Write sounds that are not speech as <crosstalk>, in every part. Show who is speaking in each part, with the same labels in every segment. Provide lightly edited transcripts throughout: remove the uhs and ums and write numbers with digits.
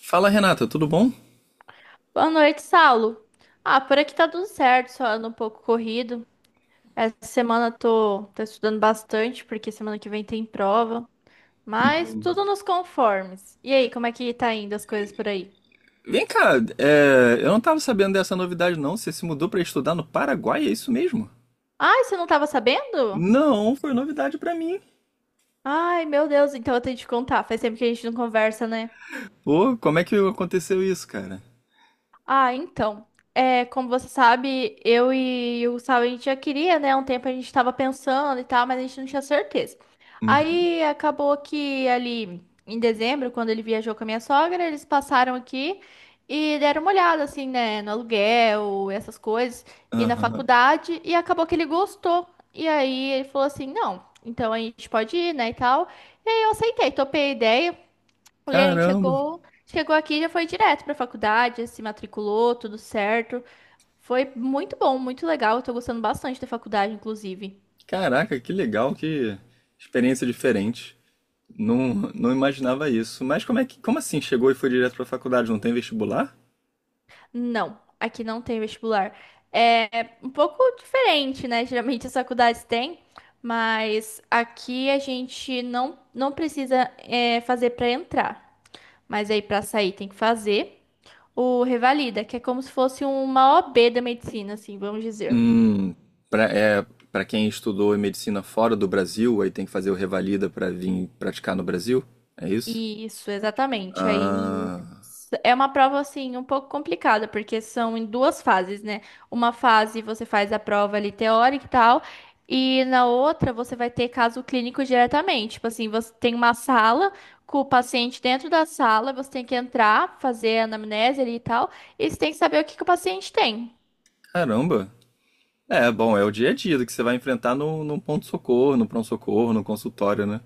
Speaker 1: Fala, Renata, tudo bom?
Speaker 2: Boa noite, Saulo. Ah, por aqui tá tudo certo, só ando um pouco corrido. Essa semana tô estudando bastante, porque semana que vem tem prova. Mas tudo nos conformes. E aí, como é que tá indo as coisas por aí?
Speaker 1: Vem cá, eu não tava sabendo dessa novidade não. Você se mudou pra estudar no Paraguai, é isso mesmo?
Speaker 2: Ai, você não tava sabendo?
Speaker 1: Não, foi novidade pra mim.
Speaker 2: Ai, meu Deus, então eu tenho que te contar. Faz tempo que a gente não conversa, né?
Speaker 1: Ô, como é que aconteceu isso, cara?
Speaker 2: Ah, então. É, como você sabe, eu e o Gustavo, a gente já queria, né? Um tempo a gente estava pensando e tal, mas a gente não tinha certeza.
Speaker 1: Uhum.
Speaker 2: Aí acabou que ali em dezembro, quando ele viajou com a minha sogra, eles passaram aqui e deram uma olhada, assim, né? No aluguel, essas coisas, e na
Speaker 1: Aham.
Speaker 2: faculdade, e acabou que ele gostou. E aí ele falou assim: não, então a gente pode ir, né? E tal. E aí eu aceitei, topei a ideia. E a gente
Speaker 1: Caramba.
Speaker 2: chegou aqui e já foi direto pra faculdade, se matriculou, tudo certo. Foi muito bom, muito legal. Eu tô gostando bastante da faculdade, inclusive.
Speaker 1: Caraca, que legal, que experiência diferente. Não, não imaginava isso. Mas como assim chegou e foi direto pra faculdade? Não tem vestibular?
Speaker 2: Não, aqui não tem vestibular. É um pouco diferente, né? Geralmente as faculdades têm, mas aqui a gente não precisa fazer pra entrar. Mas aí pra sair tem que fazer o revalida, que é como se fosse uma OB da medicina, assim, vamos dizer.
Speaker 1: Hum, para é, para quem estudou em medicina fora do Brasil, aí tem que fazer o revalida para vir praticar no Brasil? É isso?
Speaker 2: Isso, exatamente. Aí
Speaker 1: Ah,
Speaker 2: é uma prova assim um pouco complicada, porque são em duas fases, né? Uma fase você faz a prova ali teórica e tal, e na outra você vai ter caso clínico diretamente. Tipo assim, você tem uma sala com o paciente dentro da sala, você tem que entrar, fazer a anamnese ali e tal, e você tem que saber o que que o paciente tem.
Speaker 1: caramba. É, bom, é o dia a dia que você vai enfrentar no ponto-socorro, no pronto-socorro, no consultório, né?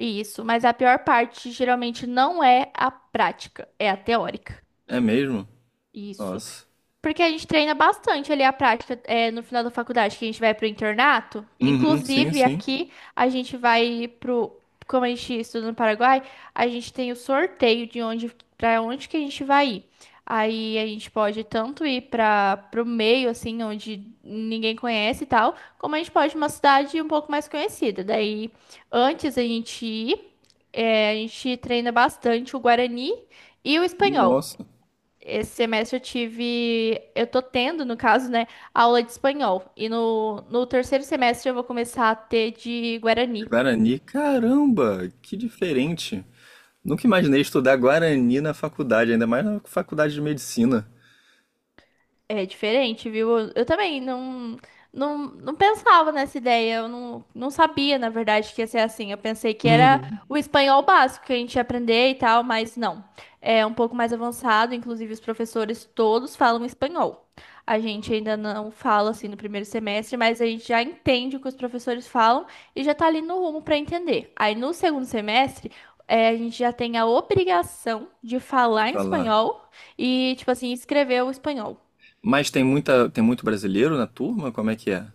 Speaker 2: Isso, mas a pior parte geralmente não é a prática, é a teórica.
Speaker 1: É mesmo?
Speaker 2: Isso.
Speaker 1: Nossa.
Speaker 2: Porque a gente treina bastante ali a prática no final da faculdade, que a gente vai pro internato.
Speaker 1: Uhum, sim,
Speaker 2: Inclusive,
Speaker 1: sim.
Speaker 2: aqui a gente vai pro. Como a gente estuda no Paraguai, a gente tem o sorteio de onde para onde que a gente vai ir. Aí a gente pode tanto ir para pro meio, assim, onde ninguém conhece e tal, como a gente pode ir uma cidade um pouco mais conhecida. Daí, antes a gente ir, a gente treina bastante o Guarani e o espanhol.
Speaker 1: Nossa.
Speaker 2: Esse semestre eu tô tendo, no caso, né, aula de espanhol. E no terceiro semestre eu vou começar a ter de guarani.
Speaker 1: Guarani, caramba, que diferente. Nunca imaginei estudar Guarani na faculdade, ainda mais na faculdade de medicina.
Speaker 2: É diferente, viu? Eu também não pensava nessa ideia, eu não sabia, na verdade, que ia ser assim. Eu pensei que era
Speaker 1: Uhum.
Speaker 2: o espanhol básico que a gente ia aprender e tal, mas não. É um pouco mais avançado, inclusive os professores todos falam espanhol. A gente ainda não fala assim no primeiro semestre, mas a gente já entende o que os professores falam e já tá ali no rumo para entender. Aí no segundo semestre, a gente já tem a obrigação de
Speaker 1: De
Speaker 2: falar em
Speaker 1: falar.
Speaker 2: espanhol e, tipo assim, escrever o espanhol.
Speaker 1: Mas tem muito brasileiro na turma? Como é que é?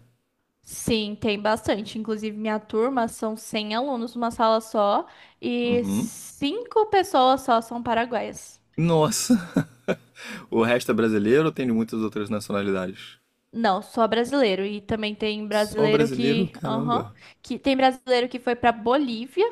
Speaker 2: Sim, tem bastante. Inclusive, minha turma são 100 alunos numa sala só e
Speaker 1: Uhum.
Speaker 2: cinco pessoas só são paraguaias.
Speaker 1: Nossa! <laughs> O resto é brasileiro ou tem de muitas outras nacionalidades?
Speaker 2: Não, só brasileiro. E também tem
Speaker 1: Só
Speaker 2: brasileiro
Speaker 1: brasileiro?
Speaker 2: que, aham,
Speaker 1: Caramba.
Speaker 2: que tem brasileiro que foi para Bolívia.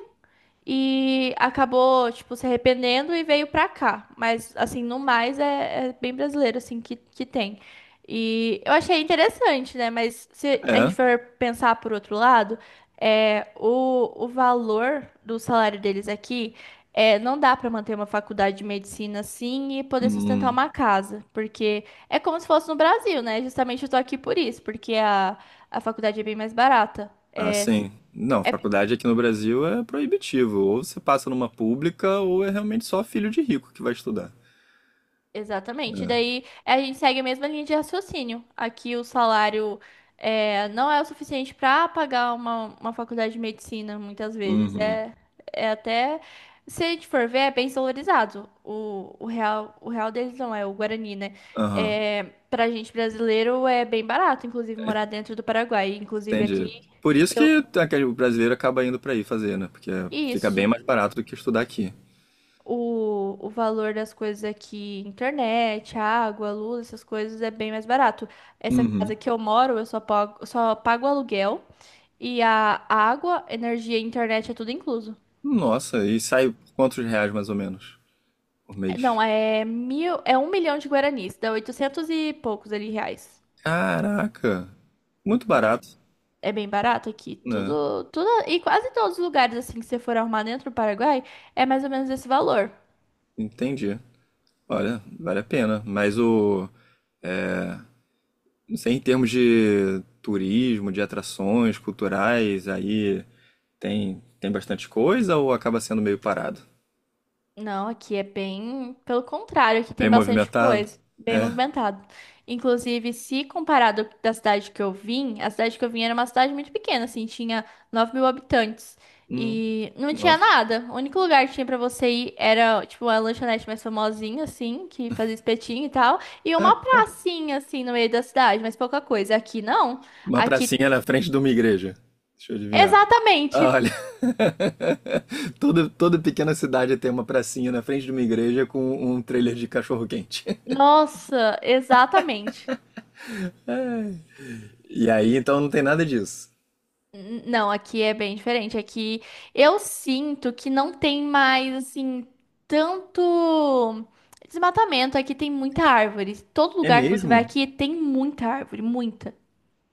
Speaker 2: E acabou, tipo, se arrependendo e veio pra cá. Mas, assim, no mais é bem brasileiro, assim, que tem. E eu achei interessante, né? Mas se a gente
Speaker 1: É?
Speaker 2: for pensar por outro lado, o valor do salário deles aqui não dá pra manter uma faculdade de medicina assim e poder sustentar
Speaker 1: Hum.
Speaker 2: uma casa. Porque é como se fosse no Brasil, né? Justamente eu tô aqui por isso, porque a faculdade é bem mais barata.
Speaker 1: Ah, sim. Não,
Speaker 2: É
Speaker 1: faculdade aqui no Brasil é proibitivo. Ou você passa numa pública, ou é realmente só filho de rico que vai estudar.
Speaker 2: Exatamente.
Speaker 1: É.
Speaker 2: Daí a gente segue a mesma linha de raciocínio. Aqui o salário não é o suficiente para pagar uma faculdade de medicina, muitas vezes.
Speaker 1: Uhum.
Speaker 2: Até, se a gente for ver, é bem desvalorizado. O real deles não é o Guarani, né?
Speaker 1: Aham.
Speaker 2: É, para gente brasileiro é bem barato, inclusive, morar dentro do Paraguai. Inclusive aqui,
Speaker 1: Entendi. Por isso
Speaker 2: eu.
Speaker 1: que aquele o brasileiro acaba indo pra aí fazer, né? Porque fica bem
Speaker 2: Isso.
Speaker 1: mais barato do que estudar aqui.
Speaker 2: O valor das coisas aqui, internet, água, luz, essas coisas é bem mais barato. Essa casa que eu moro, eu só pago aluguel e a água, energia e internet é tudo incluso.
Speaker 1: Nossa, e sai por quantos reais mais ou menos por mês?
Speaker 2: Não, é mil, é 1 milhão de guaranis, dá 800 e poucos ali reais.
Speaker 1: Caraca, muito barato,
Speaker 2: É bem barato aqui,
Speaker 1: né?
Speaker 2: tudo, tudo, e quase todos os lugares assim que você for arrumar dentro do Paraguai é mais ou menos esse valor.
Speaker 1: Entendi. Olha, vale a pena. Não sei, em termos de turismo, de atrações culturais, aí tem bastante coisa ou acaba sendo meio parado?
Speaker 2: Não, aqui é bem. Pelo contrário, aqui
Speaker 1: Bem
Speaker 2: tem bastante
Speaker 1: movimentado?
Speaker 2: coisa, bem
Speaker 1: É.
Speaker 2: movimentado. Inclusive, se comparado da cidade que eu vim, a cidade que eu vim era uma cidade muito pequena, assim, tinha 9 mil habitantes.
Speaker 1: Hum,
Speaker 2: E não tinha
Speaker 1: nossa.
Speaker 2: nada. O único lugar que tinha pra você ir era, tipo, a lanchonete mais famosinha, assim, que fazia espetinho e tal, e uma pracinha, assim, no meio da cidade, mas pouca coisa. Aqui não.
Speaker 1: Uma
Speaker 2: Aqui,
Speaker 1: pracinha na frente de uma igreja. Deixa eu adivinhar. Ah,
Speaker 2: exatamente.
Speaker 1: olha, <laughs> toda, toda pequena cidade tem uma pracinha na frente de uma igreja com um trailer de cachorro-quente.
Speaker 2: Nossa, exatamente.
Speaker 1: <laughs> Ai. E aí, então, não tem nada disso.
Speaker 2: Não, aqui é bem diferente. Aqui eu sinto que não tem mais, assim, tanto desmatamento. Aqui tem muita árvore. Todo
Speaker 1: É
Speaker 2: lugar que você vai
Speaker 1: mesmo?
Speaker 2: aqui tem muita árvore, muita.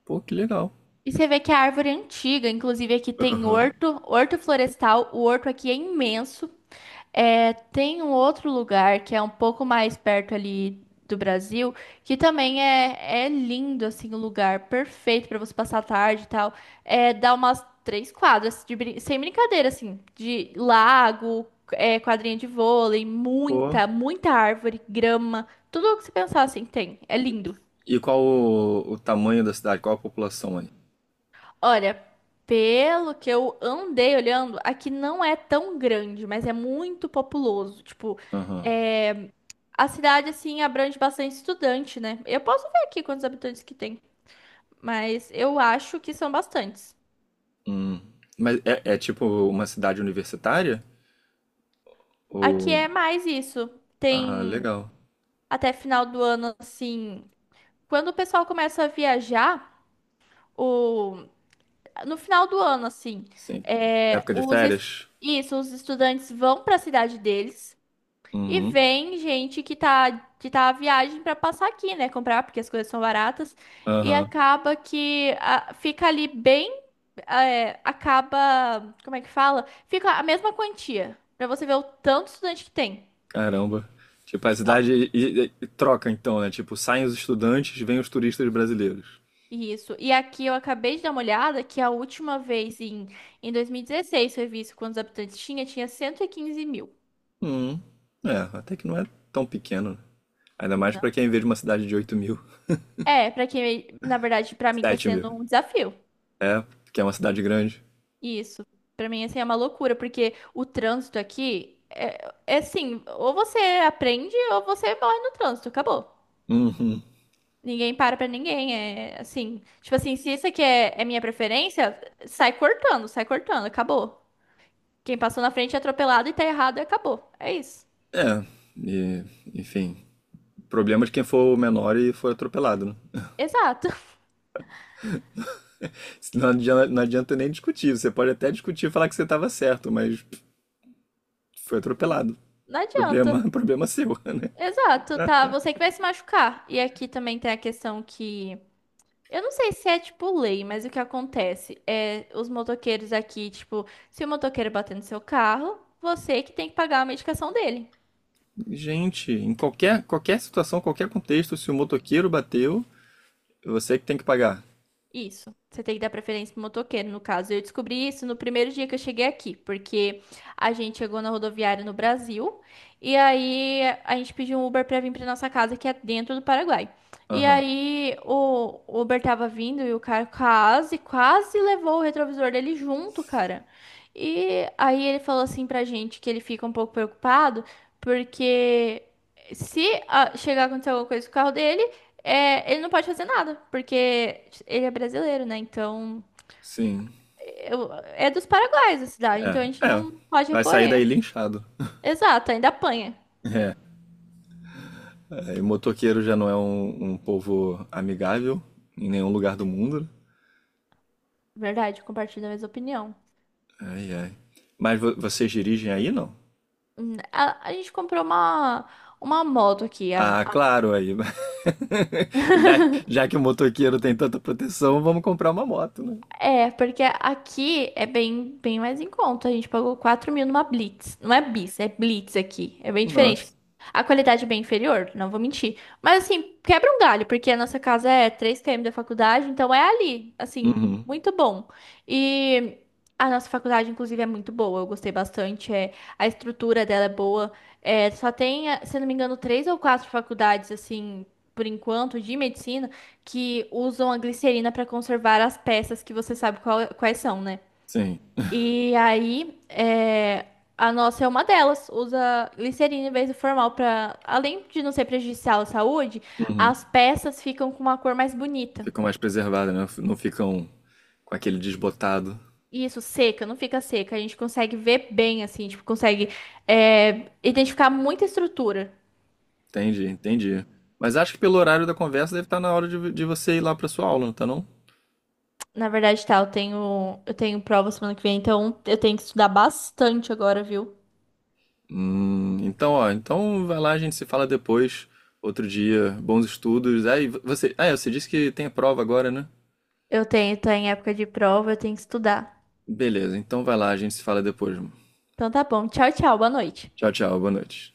Speaker 1: Pô, que legal.
Speaker 2: E você vê que a árvore é antiga. Inclusive, aqui tem
Speaker 1: Aham.
Speaker 2: horto, horto florestal. O horto aqui é imenso. É, tem um outro lugar que é um pouco mais perto ali do Brasil, que também é lindo, assim, o lugar perfeito para você passar a tarde e tal. É, dá umas 3 quadras, sem brincadeira, assim, de lago, quadrinha de vôlei,
Speaker 1: Pô.
Speaker 2: muita, muita árvore, grama, tudo o que você pensar, assim, tem. É lindo.
Speaker 1: E qual o tamanho da cidade? Qual a população aí?
Speaker 2: Olha, pelo que eu andei olhando, aqui não é tão grande, mas é muito populoso. Tipo,
Speaker 1: Aham.
Speaker 2: é, A cidade, assim, abrange bastante estudante, né? Eu posso ver aqui quantos habitantes que tem, mas eu acho que são bastantes.
Speaker 1: Hum. Mas é, é tipo uma cidade universitária?
Speaker 2: Aqui
Speaker 1: Ou...
Speaker 2: é mais isso.
Speaker 1: Ah,
Speaker 2: Tem
Speaker 1: legal.
Speaker 2: até final do ano, assim. Quando o pessoal começa a viajar, o... no final do ano, assim.
Speaker 1: Sim.
Speaker 2: é,
Speaker 1: Época de
Speaker 2: os... es-
Speaker 1: férias?
Speaker 2: Isso, os estudantes vão para a cidade deles e
Speaker 1: Uhum.
Speaker 2: vem gente que tá, à viagem para passar aqui, né? Comprar, porque as coisas são baratas. E
Speaker 1: Aham.
Speaker 2: acaba que fica ali bem acaba, como é que fala? Fica a mesma quantia. Pra você ver o tanto estudante que tem.
Speaker 1: Caramba. Tipo, a
Speaker 2: Ó,
Speaker 1: cidade e troca então, né? Tipo, saem os estudantes, vêm os turistas brasileiros.
Speaker 2: Isso. E aqui eu acabei de dar uma olhada que a última vez em 2016 foi visto quantos habitantes tinha, 115 mil.
Speaker 1: Hum, é, até que não é tão pequeno, né? Ainda mais
Speaker 2: Não.
Speaker 1: pra quem vê de uma cidade de 8.000,
Speaker 2: É, pra quem, na verdade, pra mim tá
Speaker 1: 7.000.
Speaker 2: sendo um desafio.
Speaker 1: É, que é uma cidade grande.
Speaker 2: Isso. Pra mim, assim, é uma loucura, porque o trânsito aqui é assim, ou você aprende ou você morre no trânsito, acabou.
Speaker 1: Uhum.
Speaker 2: Ninguém para pra ninguém, é assim. Tipo assim, se isso aqui é minha preferência, sai cortando, acabou. Quem passou na frente é atropelado e tá errado e acabou. É isso.
Speaker 1: É, e, enfim. Problema de quem for menor e for atropelado, né?
Speaker 2: Exato. <laughs>
Speaker 1: <laughs> Não adianta, não adianta nem discutir. Você pode até discutir e falar que você estava certo, mas pff, foi atropelado.
Speaker 2: Não adianta.
Speaker 1: Problema, <laughs> problema seu, né?
Speaker 2: Exato, tá? Você que vai se machucar. E aqui também tem a questão que. Eu não sei se é tipo lei, mas o que acontece é os motoqueiros aqui, tipo, se o motoqueiro bater no seu carro, você que tem que pagar a medicação dele.
Speaker 1: Gente, em qualquer, qualquer situação, qualquer contexto, se o motoqueiro bateu, é você que tem que pagar.
Speaker 2: Isso. Você tem que dar preferência pro motoqueiro, no caso. Eu descobri isso no primeiro dia que eu cheguei aqui, porque a gente chegou na rodoviária no Brasil e aí a gente pediu um Uber pra vir pra nossa casa, que é dentro do Paraguai. E
Speaker 1: Aham.
Speaker 2: aí o Uber tava vindo e o cara quase, quase levou o retrovisor dele junto, cara. E aí ele falou assim pra gente que ele fica um pouco preocupado, porque se chegar a acontecer alguma coisa com o carro dele. É, ele não pode fazer nada, porque ele é brasileiro, né? Então,
Speaker 1: Sim.
Speaker 2: é dos Paraguaios a cidade,
Speaker 1: É.
Speaker 2: então a gente
Speaker 1: É.
Speaker 2: não pode
Speaker 1: Vai sair
Speaker 2: recorrer.
Speaker 1: daí linchado.
Speaker 2: Exato, ainda apanha.
Speaker 1: É. Aí o motoqueiro já não é um povo amigável em nenhum lugar do mundo.
Speaker 2: Verdade, compartilho da mesma opinião.
Speaker 1: Ai, ai. Mas vocês dirigem aí, não?
Speaker 2: A gente comprou uma moto aqui,
Speaker 1: Ah, claro, aí. <laughs> Já, já que o motoqueiro tem tanta proteção, vamos comprar uma moto, né?
Speaker 2: é, porque aqui é bem, bem mais em conta. A gente pagou 4 mil numa Blitz. Não é Bis, é Blitz aqui. É bem diferente.
Speaker 1: Nossa.
Speaker 2: A qualidade é bem inferior, não vou mentir. Mas assim, quebra um galho, porque a nossa casa é 3 km da faculdade, então é ali, assim,
Speaker 1: Uhum.
Speaker 2: muito bom. E a nossa faculdade, inclusive, é muito boa. Eu gostei bastante. É, a estrutura dela é boa. É, só tem, se eu não me engano, três ou quatro faculdades, assim, por enquanto, de medicina que usam a glicerina para conservar as peças que você sabe quais são, né?
Speaker 1: Sim.
Speaker 2: E aí, a nossa é uma delas, usa glicerina em vez do formal para, além de não ser prejudicial à saúde,
Speaker 1: Uhum.
Speaker 2: as peças ficam com uma cor mais bonita.
Speaker 1: Ficam mais preservadas, né? Não ficam com aquele desbotado.
Speaker 2: Isso, seca, não fica seca. A gente consegue ver bem, assim, tipo, consegue identificar muita estrutura.
Speaker 1: Entendi, entendi. Mas acho que pelo horário da conversa deve estar na hora de você ir lá para sua aula, não tá não?
Speaker 2: Na verdade, tá, eu tenho prova semana que vem, então eu tenho que estudar bastante agora, viu?
Speaker 1: Então, ó, então vai lá, a gente se fala depois, outro dia, bons estudos. Aí você, você disse que tem a prova agora, né?
Speaker 2: Tô em época de prova, eu tenho que estudar.
Speaker 1: Beleza, então vai lá, a gente se fala depois. Mano.
Speaker 2: Então tá bom. Tchau, tchau. Boa noite.
Speaker 1: Tchau, tchau, boa noite.